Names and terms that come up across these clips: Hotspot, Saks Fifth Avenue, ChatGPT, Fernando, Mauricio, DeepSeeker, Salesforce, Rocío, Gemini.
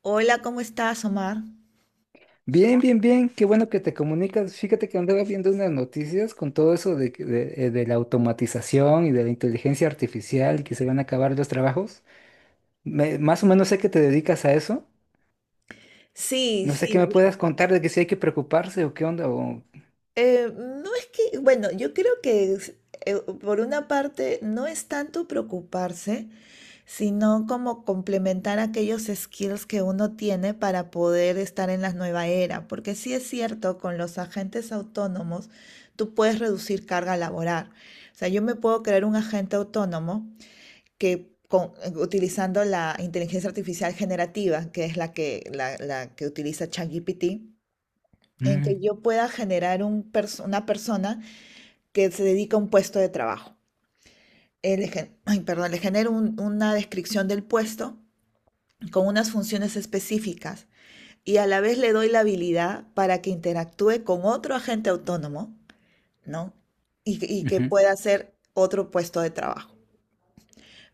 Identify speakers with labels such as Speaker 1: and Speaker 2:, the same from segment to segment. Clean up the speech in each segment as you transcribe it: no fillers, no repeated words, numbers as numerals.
Speaker 1: Hola, ¿cómo estás, Omar?
Speaker 2: Bien, bien, bien, qué bueno que te comunicas. Fíjate que andaba viendo unas noticias con todo eso de la automatización y de la inteligencia artificial, y que se van a acabar los trabajos. Más o menos sé que te dedicas a eso.
Speaker 1: Sí,
Speaker 2: No sé qué
Speaker 1: sí.
Speaker 2: me puedas contar de que si hay que preocuparse o qué onda.
Speaker 1: No es que, bueno, yo creo que es, eh, por una parte no es tanto preocuparse, sino como complementar aquellos skills que uno tiene para poder estar en la nueva era, porque sí es cierto, con los agentes autónomos tú puedes reducir carga laboral. O sea, yo me puedo crear un agente autónomo que utilizando la inteligencia artificial generativa, que es la que utiliza ChatGPT, en que
Speaker 2: Mm,
Speaker 1: yo pueda generar un una persona que se dedica a un puesto de trabajo. Perdón, le genero una descripción del puesto con unas funciones específicas y a la vez le doy la habilidad para que interactúe con otro agente autónomo, ¿no? Y que
Speaker 2: ujú.
Speaker 1: pueda hacer otro puesto de trabajo.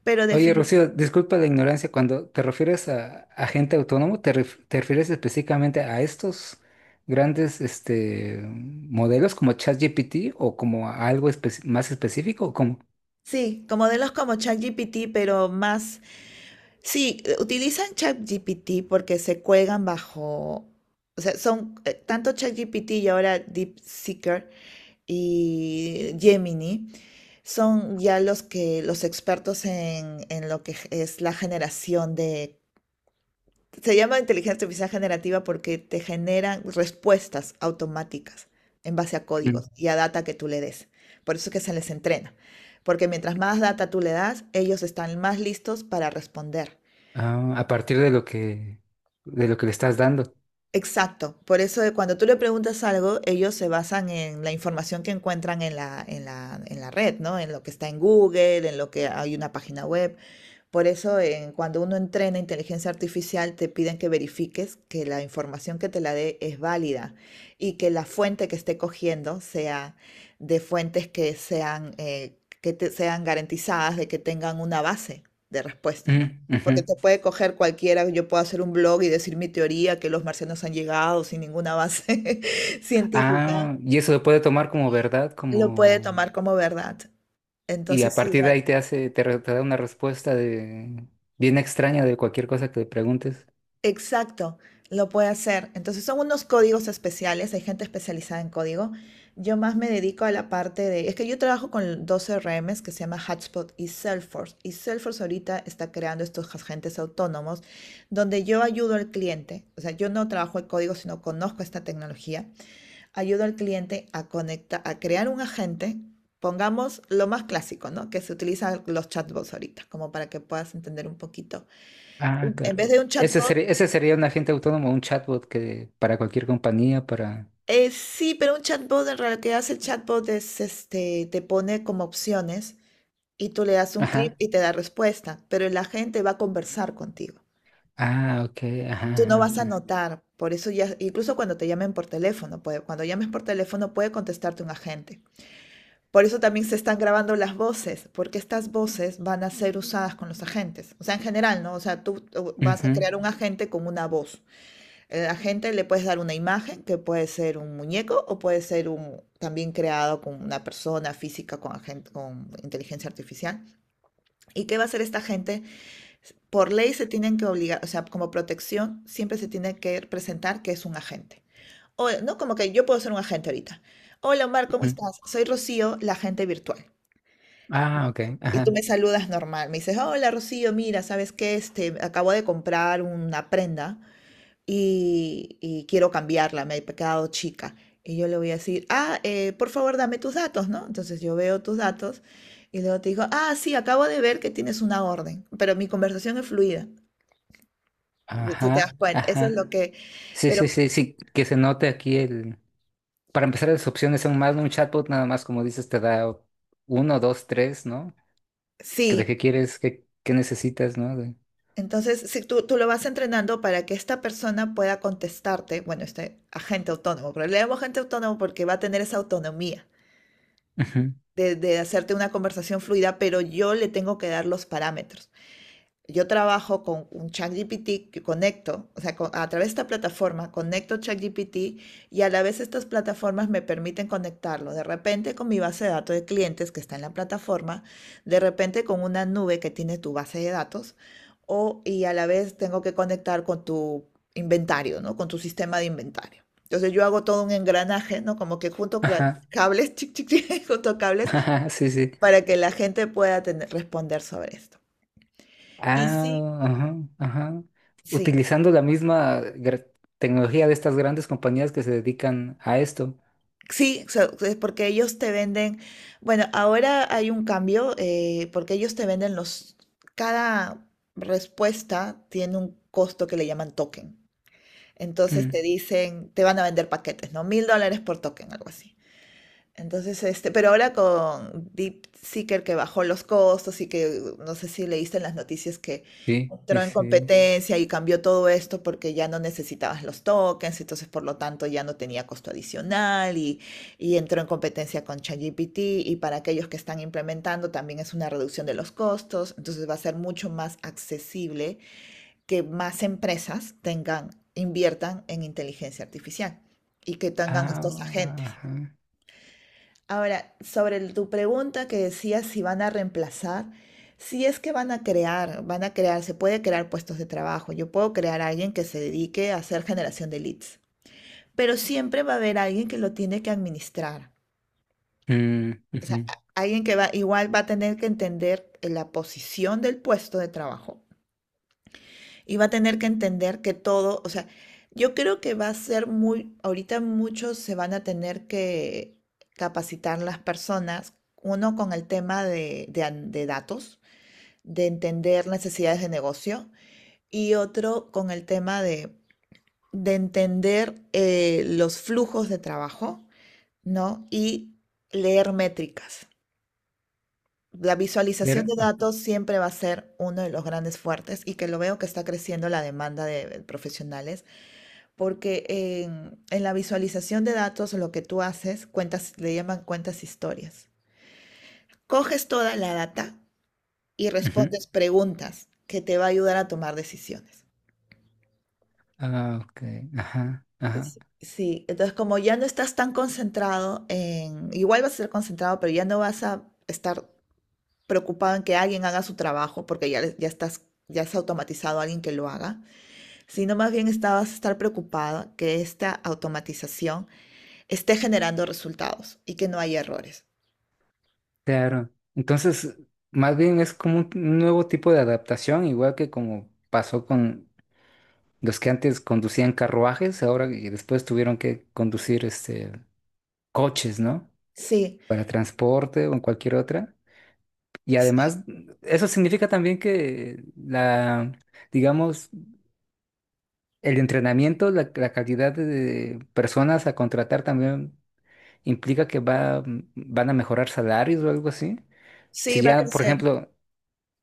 Speaker 1: Pero
Speaker 2: Oye,
Speaker 1: definitivamente,
Speaker 2: Rocío, disculpa la ignorancia. Cuando te refieres a agente autónomo, ¿te refieres específicamente a estos grandes este, modelos como ChatGPT o como a algo más específico o como...
Speaker 1: sí, como de los como ChatGPT, pero más. Sí, utilizan ChatGPT porque se cuelgan bajo, o sea, son tanto ChatGPT y ahora DeepSeeker y Gemini son ya los que los expertos en lo que es la generación de, se llama inteligencia artificial generativa porque te generan respuestas automáticas en base a códigos y a data que tú le des. Por eso es que se les entrena, porque mientras más data tú le das, ellos están más listos para responder.
Speaker 2: Ah, a partir de de lo que le estás dando.
Speaker 1: Exacto, por eso de cuando tú le preguntas algo, ellos se basan en la información que encuentran en en la red, ¿no? En lo que está en Google, en lo que hay una página web. Por eso, cuando uno entrena inteligencia artificial, te piden que verifiques que la información que te la dé es válida y que la fuente que esté cogiendo sea de fuentes que sean, sean garantizadas de que tengan una base de respuesta, ¿no?
Speaker 2: Mm, ujú.
Speaker 1: Porque te puede coger cualquiera, yo puedo hacer un blog y decir mi teoría, que los marcianos han llegado sin ninguna base científica,
Speaker 2: Ah, y eso lo puede tomar como verdad,
Speaker 1: lo puede
Speaker 2: como...
Speaker 1: tomar como verdad.
Speaker 2: Y a
Speaker 1: Entonces,
Speaker 2: partir de
Speaker 1: igual.
Speaker 2: ahí te hace, te, re- te da una respuesta de bien extraña de cualquier cosa que le preguntes.
Speaker 1: Exacto, lo puede hacer. Entonces son unos códigos especiales, hay gente especializada en código. Yo más me dedico a la parte de, es que yo trabajo con dos CRMs que se llama Hotspot y Salesforce. Y Salesforce ahorita está creando estos agentes autónomos donde yo ayudo al cliente, o sea, yo no trabajo el código, sino conozco esta tecnología, ayudo al cliente a conectar, a crear un agente. Pongamos lo más clásico, ¿no? Que se utilizan los chatbots ahorita, como para que puedas entender un poquito.
Speaker 2: Ah,
Speaker 1: En
Speaker 2: claro.
Speaker 1: vez de un
Speaker 2: Ese
Speaker 1: chatbot,
Speaker 2: sería, ese sería un agente autónomo, un chatbot que para cualquier compañía, para...
Speaker 1: Sí, pero un chatbot, en realidad, que hace el chatbot es, este, te pone como opciones y tú le das un clic
Speaker 2: Ajá.
Speaker 1: y te da respuesta, pero la gente va a conversar contigo.
Speaker 2: Ah, ok. Ajá,
Speaker 1: Tú no
Speaker 2: ajá,
Speaker 1: vas a
Speaker 2: ajá.
Speaker 1: notar, por eso ya, incluso cuando te llamen por teléfono, cuando llames por teléfono puede contestarte un agente. Por eso también se están grabando las voces, porque estas voces van a ser usadas con los agentes. O sea, en general, ¿no? O sea, tú vas a
Speaker 2: Ujú,
Speaker 1: crear un agente con una voz, a la gente le puedes dar una imagen que puede ser un muñeco o puede ser un, también creado con una persona física con, agente con inteligencia artificial. ¿Y qué va a hacer esta gente? Por ley se tienen que obligar, o sea, como protección siempre se tiene que presentar que es un agente. O, no como que yo puedo ser un agente ahorita. Hola Omar, ¿cómo
Speaker 2: ujú.
Speaker 1: estás? Soy Rocío, la agente virtual.
Speaker 2: Ah, ok.
Speaker 1: Y tú
Speaker 2: Ajá.
Speaker 1: me saludas normal, me dices, hola Rocío, mira, ¿sabes qué? Este, acabo de comprar una prenda y quiero cambiarla, me he quedado chica. Y yo le voy a decir, ah, por favor, dame tus datos, ¿no? Entonces yo veo tus datos y luego te digo, ah, sí, acabo de ver que tienes una orden, pero mi conversación es fluida. Y tú te das
Speaker 2: Ajá.
Speaker 1: cuenta, eso es
Speaker 2: Ajá.
Speaker 1: lo que,
Speaker 2: Sí, sí,
Speaker 1: pero
Speaker 2: sí, sí. Que se note aquí el... Para empezar, las opciones son más, ¿no? Un chatbot nada más, como dices, te da uno, dos, tres, ¿no? Que ¿de
Speaker 1: sí,
Speaker 2: qué quieres? ¿Qué, qué necesitas, ¿no? De...
Speaker 1: entonces si tú lo vas entrenando para que esta persona pueda contestarte, bueno, este agente autónomo, pero le llamo agente autónomo porque va a tener esa autonomía
Speaker 2: Ujú.
Speaker 1: de hacerte una conversación fluida, pero yo le tengo que dar los parámetros. Yo trabajo con un ChatGPT que conecto, o sea, a través de esta plataforma conecto ChatGPT y a la vez estas plataformas me permiten conectarlo de repente con mi base de datos de clientes que está en la plataforma, de repente con una nube que tiene tu base de datos o y a la vez tengo que conectar con tu inventario, ¿no? Con tu sistema de inventario. Entonces yo hago todo un engranaje, ¿no? Como que junto
Speaker 2: Ajá,
Speaker 1: cables, chic, chic, chic, junto cables
Speaker 2: ajá, sí, sí.
Speaker 1: para que la gente pueda responder sobre esto. Y sí,
Speaker 2: Ah, ajá, ajá.
Speaker 1: sí,
Speaker 2: Utilizando la misma tecnología de estas grandes compañías que se dedican a esto.
Speaker 1: sí, es porque ellos te venden, bueno, ahora hay un cambio, porque ellos te venden los, cada respuesta tiene un costo que le llaman token. Entonces
Speaker 2: Mm,
Speaker 1: te dicen, te van a vender paquetes, ¿no? Mil dólares por token, algo así. Entonces, este, pero ahora con DeepSeeker que bajó los costos y que no sé si leíste en las noticias que
Speaker 2: sí, sí,
Speaker 1: entró en
Speaker 2: sí.
Speaker 1: competencia y cambió todo esto porque ya no necesitabas los tokens, entonces por lo tanto ya no tenía costo adicional y entró en competencia con ChatGPT y para aquellos que están implementando también es una reducción de los costos, entonces va a ser mucho más accesible que más empresas tengan, inviertan en inteligencia artificial y que tengan estos
Speaker 2: Ah,
Speaker 1: agentes.
Speaker 2: ajá.
Speaker 1: Ahora, sobre tu pregunta que decías si van a reemplazar, si es que van a crear, se puede crear puestos de trabajo. Yo puedo crear a alguien que se dedique a hacer generación de leads, pero siempre va a haber alguien que lo tiene que administrar.
Speaker 2: Mm,
Speaker 1: O
Speaker 2: ujú.
Speaker 1: sea, alguien que va, igual va a tener que entender la posición del puesto de trabajo. Y va a tener que entender que todo, o sea, yo creo que va a ser muy, ahorita muchos se van a tener que capacitar las personas, uno con el tema de, de datos, de entender necesidades de negocio, y otro con el tema de entender los flujos de trabajo, ¿no? Y leer métricas. La
Speaker 2: Pero,
Speaker 1: visualización de datos siempre va a ser uno de los grandes fuertes y que lo veo que está creciendo la demanda de profesionales. Porque en la visualización de datos lo que tú haces, cuentas, le llaman cuentas historias. Coges toda la data y
Speaker 2: ujú.
Speaker 1: respondes preguntas que te va a ayudar a tomar decisiones.
Speaker 2: Ah, ok, ajá, ajá.
Speaker 1: Sí, entonces como ya no estás tan concentrado en, igual vas a ser concentrado, pero ya no vas a estar preocupado en que alguien haga su trabajo, porque ya, ya estás, ya has automatizado a alguien que lo haga, sino más bien vas a estar preocupado que esta automatización esté generando resultados y que no haya errores.
Speaker 2: Claro. Entonces, más bien es como un nuevo tipo de adaptación, igual que como pasó con los que antes conducían carruajes, ahora y después tuvieron que conducir este coches, ¿no?
Speaker 1: Sí,
Speaker 2: Para transporte o en cualquier otra. Y
Speaker 1: sí,
Speaker 2: además, eso significa también que digamos, el entrenamiento, la calidad de personas a contratar también implica van a mejorar salarios o algo así.
Speaker 1: sí,
Speaker 2: Si
Speaker 1: va a
Speaker 2: ya, por
Speaker 1: crecer.
Speaker 2: ejemplo,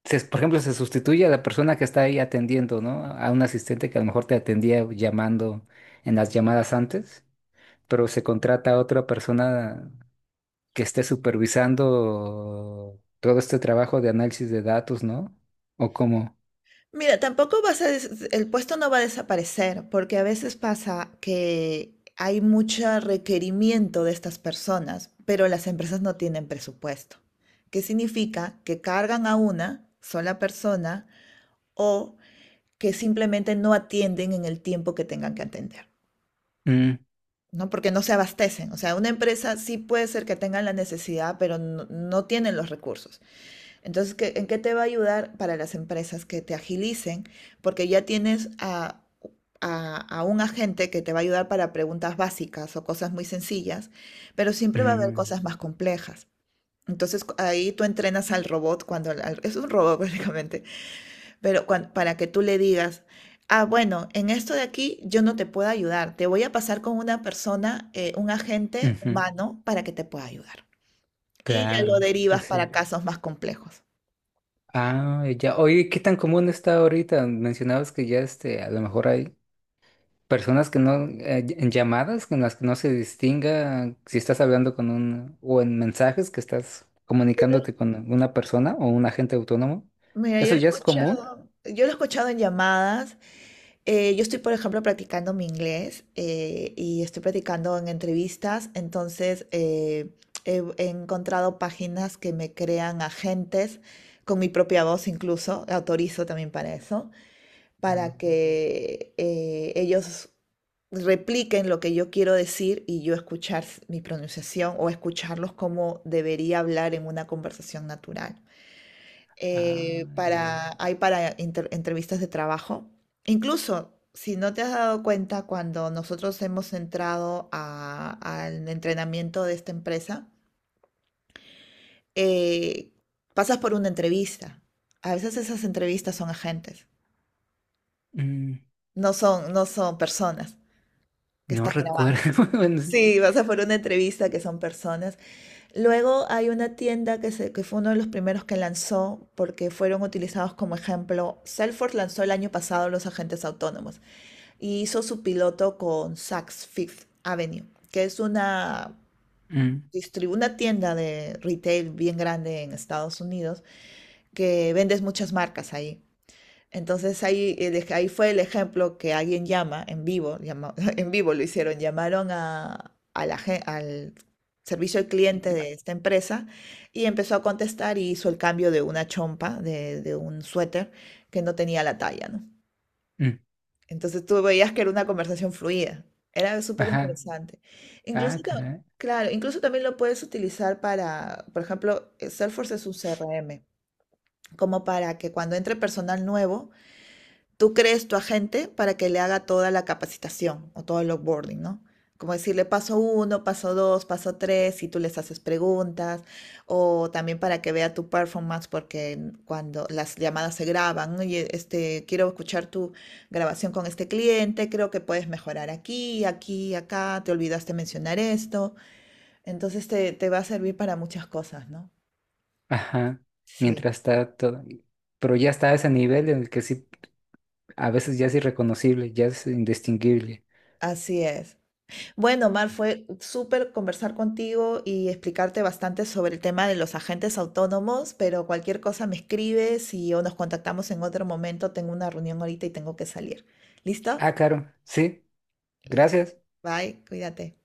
Speaker 2: por ejemplo, se sustituye a la persona que está ahí atendiendo, ¿no? A un asistente que a lo mejor te atendía llamando en las llamadas antes, pero se contrata a otra persona que esté supervisando todo este trabajo de análisis de datos, ¿no? ¿O cómo?
Speaker 1: Mira, tampoco vas a el puesto no va a desaparecer, porque a veces pasa que hay mucho requerimiento de estas personas, pero las empresas no tienen presupuesto. ¿Qué significa? Que cargan a una sola persona o que simplemente no atienden en el tiempo que tengan que atender,
Speaker 2: Mm,
Speaker 1: ¿no? Porque no se abastecen. O sea, una empresa sí puede ser que tengan la necesidad, pero no, no tienen los recursos. Entonces, ¿en qué te va a ayudar para las empresas que te agilicen? Porque ya tienes a un agente que te va a ayudar para preguntas básicas o cosas muy sencillas, pero siempre va a haber
Speaker 2: mm,
Speaker 1: cosas más complejas. Entonces, ahí tú entrenas al robot cuando es un robot prácticamente, pero para que tú le digas, ah, bueno, en esto de aquí yo no te puedo ayudar, te voy a pasar con una persona, un agente
Speaker 2: ujú,
Speaker 1: humano para que te pueda ayudar. Y ya lo
Speaker 2: claro, sí,
Speaker 1: derivas para
Speaker 2: sí.
Speaker 1: casos más complejos.
Speaker 2: Ah, ya. Oye, ¿qué tan común está ahorita? Mencionabas que ya este, a lo mejor hay personas que no, en llamadas en las que no se distinga si estás hablando con un, o en mensajes que estás comunicándote con una persona o un agente autónomo.
Speaker 1: Mira, yo lo
Speaker 2: ¿Eso
Speaker 1: he
Speaker 2: ya es común?
Speaker 1: escuchado, yo lo he escuchado en llamadas. Yo estoy, por ejemplo, practicando mi inglés y estoy practicando en entrevistas. Entonces, he encontrado páginas que me crean agentes con mi propia voz incluso, autorizo también para eso, para
Speaker 2: Mm.
Speaker 1: que ellos repliquen lo que yo quiero decir y yo escuchar mi pronunciación o escucharlos como debería hablar en una conversación natural,
Speaker 2: Ah, ya.
Speaker 1: para, hay para inter- entrevistas de trabajo. Incluso, si no te has dado cuenta, cuando nosotros hemos entrado al entrenamiento de esta empresa, eh, pasas por una entrevista. A veces esas entrevistas son agentes,
Speaker 2: Mm,
Speaker 1: no son personas que
Speaker 2: no
Speaker 1: estás grabando.
Speaker 2: recuerdo. Bueno, sí.
Speaker 1: Sí, pasas por una entrevista que son personas. Luego hay una tienda que, que fue uno de los primeros que lanzó porque fueron utilizados como ejemplo. Salesforce lanzó el año pasado los agentes autónomos y hizo su piloto con Saks Fifth Avenue, que es una,
Speaker 2: Mm,
Speaker 1: una tienda de retail bien grande en Estados Unidos que vendes muchas marcas ahí. Entonces ahí, ahí fue el ejemplo que alguien llama en vivo, en vivo lo hicieron, llamaron al servicio al cliente de esta empresa y empezó a contestar y hizo el cambio de una chompa, de un suéter que no tenía la talla, ¿no?
Speaker 2: mm,
Speaker 1: Entonces tú veías que era una conversación fluida, era súper
Speaker 2: ajá.
Speaker 1: interesante. Incluso,
Speaker 2: Ah, caray.
Speaker 1: claro, incluso también lo puedes utilizar para, por ejemplo, Salesforce es un CRM como para que cuando entre personal nuevo tú crees tu agente para que le haga toda la capacitación o todo el onboarding, ¿no? Como decirle paso uno, paso dos, paso tres, y tú les haces preguntas, o también para que vea tu performance, porque cuando las llamadas se graban, oye, este, quiero escuchar tu grabación con este cliente, creo que puedes mejorar aquí, aquí, acá, te olvidaste mencionar esto. Entonces te va a servir para muchas cosas, ¿no?
Speaker 2: Ajá.
Speaker 1: Sí,
Speaker 2: Mientras está todo. Pero ya está a ese nivel en el que sí, a veces ya es irreconocible, ya es indistinguible.
Speaker 1: así es. Bueno, Mar, fue súper conversar contigo y explicarte bastante sobre el tema de los agentes autónomos, pero cualquier cosa me escribes y o nos contactamos en otro momento. Tengo una reunión ahorita y tengo que salir. ¿Listo?
Speaker 2: Ah, claro. Sí.
Speaker 1: Li-
Speaker 2: Gracias.
Speaker 1: Bye, cuídate.